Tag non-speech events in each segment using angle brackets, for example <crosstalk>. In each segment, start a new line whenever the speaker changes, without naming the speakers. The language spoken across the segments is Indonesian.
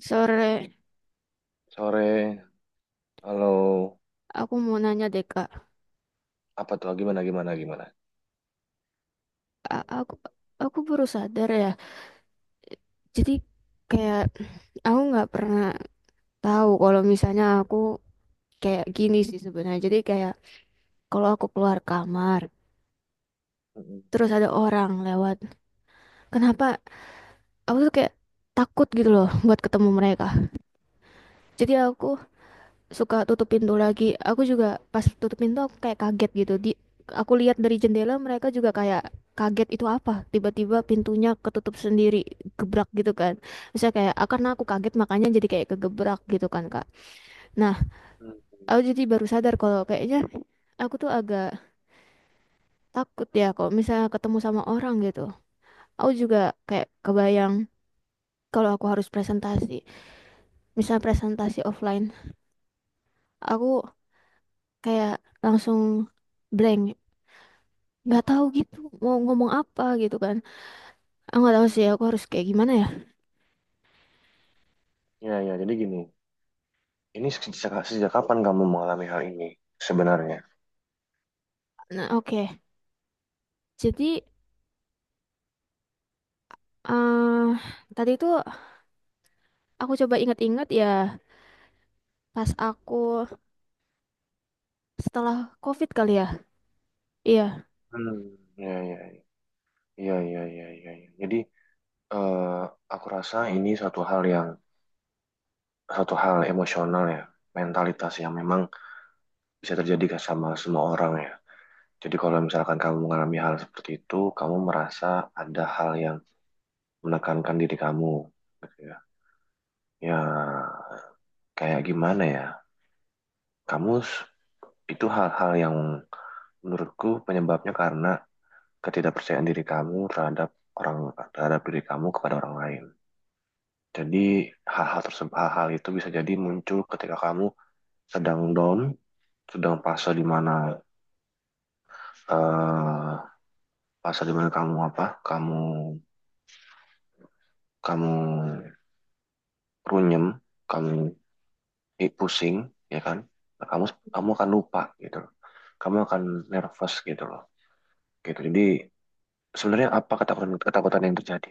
Sore,
Sore, halo,
aku mau nanya deh Kak.
apa tuh? Gimana, gimana, gimana?
A- aku aku baru sadar ya. Jadi kayak aku nggak pernah tahu kalau misalnya aku kayak gini sih sebenarnya. Jadi kayak kalau aku keluar kamar,
Mm-mm.
terus ada orang lewat, kenapa aku tuh kayak takut gitu loh buat ketemu mereka. Jadi aku suka tutup pintu lagi. Aku juga pas tutup pintu aku kayak kaget gitu. Aku lihat dari jendela mereka juga kayak kaget itu apa? Tiba-tiba pintunya ketutup sendiri, gebrak gitu kan. Misalnya kayak ah, karena aku kaget makanya jadi kayak kegebrak gitu kan, Kak. Nah,
Mm-mm.
aku jadi baru sadar kalau kayaknya aku tuh agak takut ya kalau misalnya ketemu sama orang gitu. Aku juga kayak kebayang kalau aku harus presentasi, misalnya presentasi offline, aku kayak langsung blank nggak tahu gitu mau ngomong apa gitu kan aku nggak tahu sih aku harus kayak gimana ya
Ya, ya, jadi gini, ini sejak kapan kamu mengalami hal ini sebenarnya?
nah oke jadi eh tadi itu aku coba ingat-ingat ya pas aku setelah COVID kali ya iya
Hmm. Ya, ya, ya, ya, ya, ya, ya. Jadi, eh, aku rasa ini suatu hal emosional ya, mentalitas yang memang bisa terjadi ke sama semua orang ya. Jadi kalau misalkan kamu mengalami hal seperti itu, kamu merasa ada hal yang menekankan diri kamu, gitu ya. Ya, kayak gimana ya? Kamu s- itu hal-hal yang menurutku penyebabnya karena ketidakpercayaan diri kamu terhadap orang terhadap diri kamu kepada orang lain. Jadi hal-hal itu bisa jadi muncul ketika kamu sedang down, sedang eh fase di mana kamu apa? Kamu kamu runyem, kamu pusing, ya kan? Nah, kamu kamu akan lupa gitu. Kamu akan nervous gitu loh. Gitu. Jadi sebenarnya apa ketakutan ketakutan yang terjadi?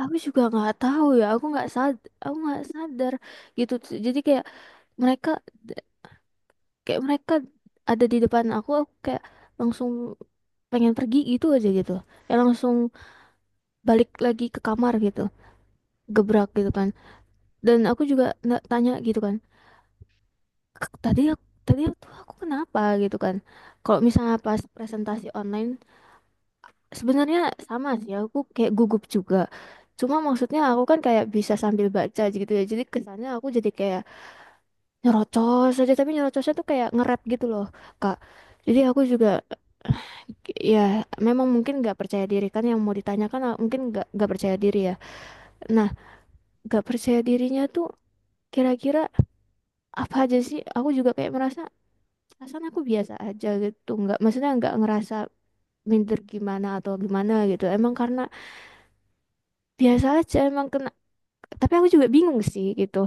aku juga nggak tahu ya aku nggak sadar gitu jadi mereka kayak mereka ada di depan aku kayak langsung pengen pergi gitu aja gitu ya langsung balik lagi ke kamar gitu gebrak gitu kan dan aku juga nggak tanya gitu kan tadi tuh aku kenapa gitu kan kalau misalnya pas presentasi online sebenarnya sama sih aku kayak gugup juga cuma maksudnya aku kan kayak bisa sambil baca gitu ya jadi kesannya aku jadi kayak nyerocos aja tapi nyerocosnya tuh kayak nge-rap gitu loh Kak jadi aku juga <sighs> ya memang mungkin nggak percaya diri kan yang mau ditanyakan ah, mungkin nggak percaya diri ya nah nggak percaya dirinya tuh kira-kira apa aja sih aku juga kayak merasa perasaan aku biasa aja gitu nggak maksudnya nggak ngerasa minder gimana atau gimana gitu emang karena biasa aja emang kena tapi aku juga bingung sih gitu.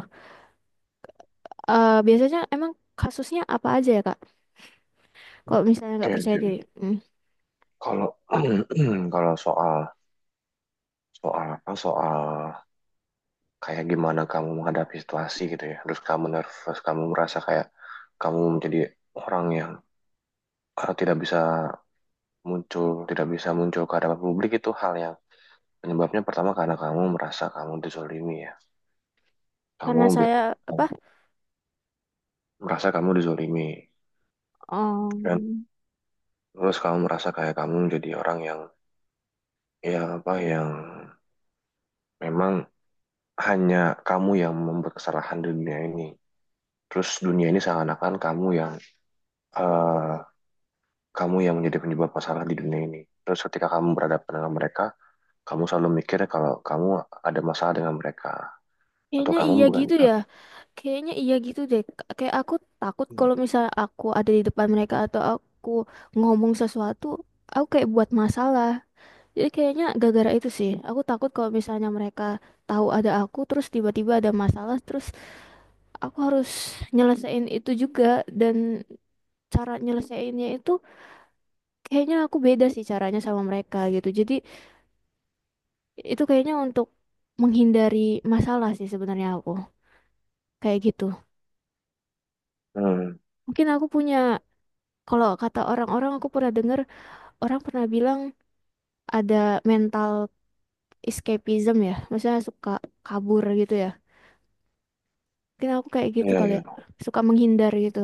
Eh biasanya emang kasusnya apa aja ya kak kalau misalnya nggak
Oke,
percaya
oke.
diri. Hmm,
Kalau <clears throat> kalau soal soal apa soal kayak gimana kamu menghadapi situasi gitu ya, terus kamu nervous, kamu merasa kayak kamu menjadi orang yang tidak bisa muncul, ke hadapan publik itu hal yang penyebabnya pertama karena kamu merasa kamu dizolimi ya, kamu
karena
be-
saya apa.
merasa kamu dizolimi dan
Em,
terus kamu merasa kayak kamu jadi orang yang ya apa yang memang hanya kamu yang membuat kesalahan di dunia ini. Terus dunia ini seakan-akan eh, kamu yang menjadi penyebab masalah di dunia ini. Terus ketika kamu berhadapan dengan mereka, kamu selalu mikir kalau kamu ada masalah dengan mereka atau
kayaknya
kamu
iya
bukan.
gitu ya kayaknya iya gitu deh kayak aku takut kalau misalnya aku ada di depan mereka atau aku ngomong sesuatu aku kayak buat masalah. Jadi kayaknya gara-gara itu sih. Aku takut kalau misalnya mereka tahu ada aku, terus tiba-tiba ada masalah, terus aku harus nyelesain itu juga. Dan cara nyelesainnya itu kayaknya aku beda sih caranya sama mereka gitu. Jadi itu kayaknya untuk menghindari masalah sih sebenarnya aku. Kayak gitu.
Hmm,
Mungkin aku punya, kalau kata orang-orang aku pernah dengar, orang pernah bilang ada mental escapism ya. Maksudnya suka kabur gitu ya. Mungkin aku kayak gitu
ya,
kali ya.
ya,
Suka menghindar gitu.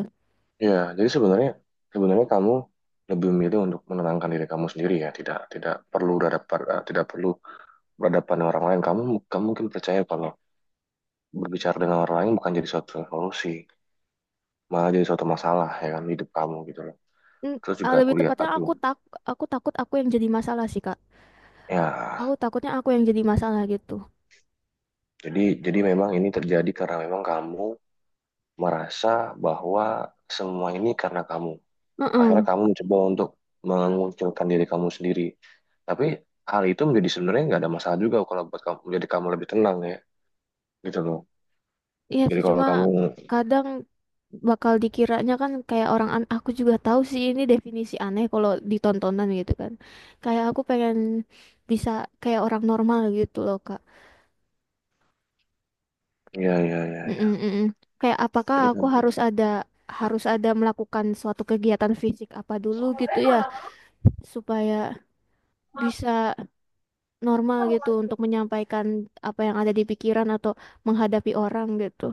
ya. Jadi sebenarnya sebenarnya kamu lebih memilih untuk menenangkan diri kamu sendiri ya, tidak tidak perlu tidak perlu berhadapan dengan orang lain. Kamu kamu mungkin percaya kalau berbicara dengan orang lain bukan jadi suatu solusi. Malah jadi suatu masalah ya kan hidup kamu gitu loh.
Mm,
Terus
ah,
juga
lebih
kuliah
tepatnya
aku
aku tak aku takut aku yang jadi masalah sih Kak. Aku
ya.
takutnya aku yang jadi masalah gitu.
Jadi jadi memang ini terjadi karena memang kamu merasa bahwa semua ini karena kamu akhirnya
Heeh.
kamu mencoba untuk mengunculkan diri kamu sendiri tapi hal itu menjadi sebenarnya nggak ada masalah juga kalau buat kamu menjadi kamu lebih tenang ya gitu loh.
Iya
Jadi
sih
kalau
cuma
kamu
kadang bakal dikiranya kan kayak orang an aku juga tahu sih ini definisi aneh kalau ditontonan gitu kan. Kayak aku pengen bisa kayak orang normal gitu loh Kak.
Ya, ya, ya,
Mm-mm,
ya,
mm-mm. Kayak apakah
jadi kan,
aku harus ada melakukan suatu kegiatan fisik apa dulu gitu ya supaya bisa normal gitu untuk menyampaikan apa yang ada di pikiran atau menghadapi orang gitu.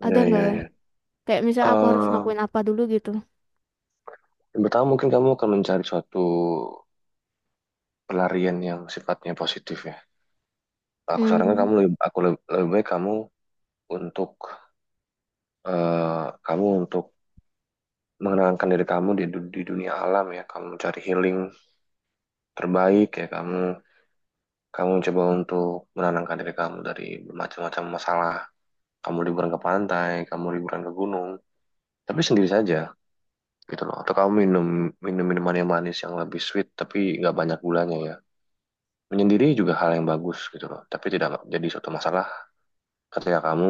ya,
Ada nggak
ya,
ya?
ya.
Kayak misalnya aku harus
Eh,
ngakuin apa dulu gitu.
yang pertama mungkin kamu akan mencari suatu pelarian yang sifatnya positif ya. Aku sarankan
Hmm,
kamu lebih, aku Lebih baik kamu untuk eh, kamu untuk mengenangkan diri kamu di dunia alam ya. Kamu cari healing terbaik ya. Kamu kamu coba untuk menenangkan diri kamu dari macam-macam masalah. Kamu liburan ke pantai, kamu liburan ke gunung, tapi sendiri saja gitu loh. Atau kamu minum minum minuman yang manis yang lebih sweet tapi nggak banyak gulanya ya. Menyendiri juga hal yang bagus gitu loh. Tapi tidak jadi suatu masalah ketika kamu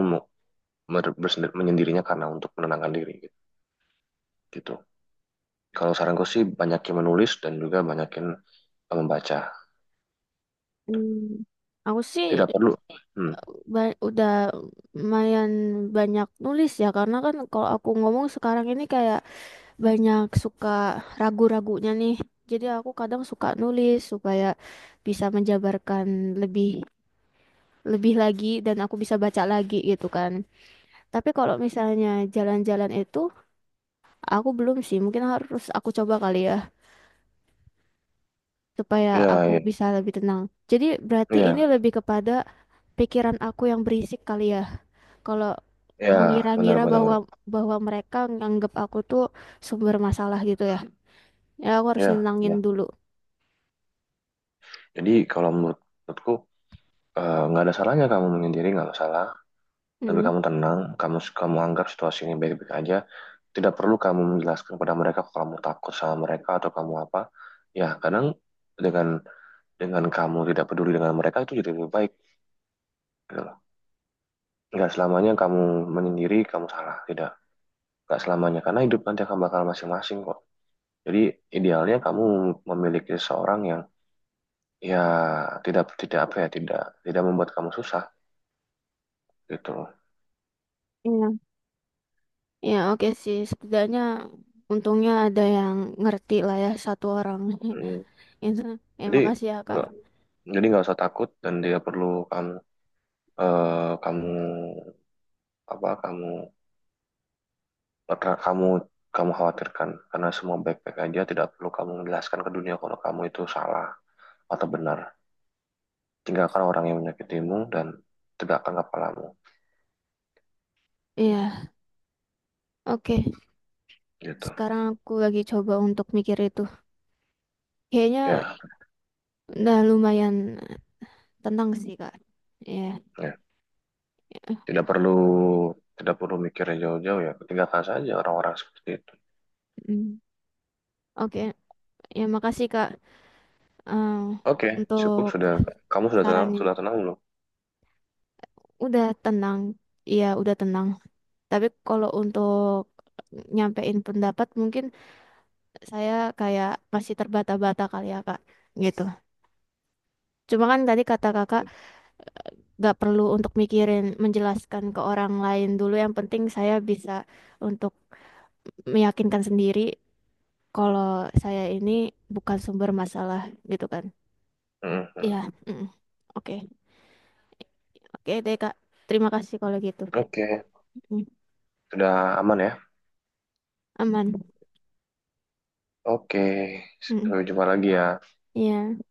menyendirinya karena untuk menenangkan diri gitu. Gitu. Kalau saranku sih banyakin menulis dan juga banyakin membaca.
hmm. Aku sih
Tidak perlu. Hmm.
udah lumayan banyak nulis ya karena kan kalau aku ngomong sekarang ini kayak banyak suka ragu-ragunya nih. Jadi aku kadang suka nulis supaya bisa menjabarkan lebih lebih lagi dan aku bisa baca lagi gitu kan. Tapi kalau misalnya jalan-jalan itu aku belum sih, mungkin harus aku coba kali ya, supaya
Ya,
aku
ya,
bisa lebih tenang. Jadi berarti ini
ya,
lebih kepada pikiran aku yang berisik kali ya. Kalau
ya, benar,
mengira-ngira
benar,
bahwa
benar.
bahwa mereka nganggap aku tuh sumber masalah gitu ya. Ya aku harus
Ya,
nenangin
ya.
dulu.
Jadi kalau menurutku nggak ada salahnya kamu menyendiri, nggak masalah. Tapi
Hmm.
kamu tenang, kamu kamu anggap situasi ini baik-baik aja. Tidak perlu kamu menjelaskan kepada mereka kalau kamu takut sama mereka atau kamu apa. Ya, kadang dengan dengan kamu tidak peduli dengan mereka itu jadi lebih baik. Gitu. Nggak selamanya kamu menyendiri, kamu salah. Tidak. Nggak selamanya. Karena hidup nanti akan bakal masing-masing kok. Jadi idealnya kamu memiliki seseorang yang ya tidak tidak apa ya tidak tidak membuat kamu susah gitu loh.
Iya. Ya oke sih, setidaknya untungnya ada yang ngerti lah ya satu orang. <laughs>
Mm.
Itu. Ya
Jadi
makasih ya Kak.
nggak- jadi nggak usah takut dan tidak perlu kamu eh, kamu apa kamu kamu kamu khawatirkan karena semua baik-baik aja tidak perlu kamu menjelaskan ke dunia kalau kamu itu salah atau benar. Tinggalkan orang yang menyakitimu dan tegakkan kepalamu
Iya, oke.
gitu
Sekarang aku lagi coba untuk mikir itu. Kayaknya
ya.
udah lumayan tenang sih Kak. Ya.
Ya, tidak perlu tidak perlu mikir yang jauh-jauh ya, tinggalkan saja orang-orang seperti itu.
Mm. Oke, ya makasih Kak eh,
Oke, cukup
untuk
sudah. Kamu sudah tenang,
sarannya.
sudah tenang belum?
Udah tenang. Iya, udah tenang. Tapi kalau untuk nyampein pendapat mungkin saya kayak masih terbata-bata kali ya Kak. Gitu. Cuma kan tadi kata Kakak gak perlu untuk mikirin menjelaskan ke orang lain dulu. Yang penting saya bisa untuk meyakinkan sendiri kalau saya ini bukan sumber masalah gitu kan. Iya.
Mhm.
Mm. Oke. Oke deh, Kak. Terima kasih kalau gitu.
Oke,
Mm.
sudah aman ya.
Aman.
Oke,
Mm.
sampai jumpa lagi ya.
Iya.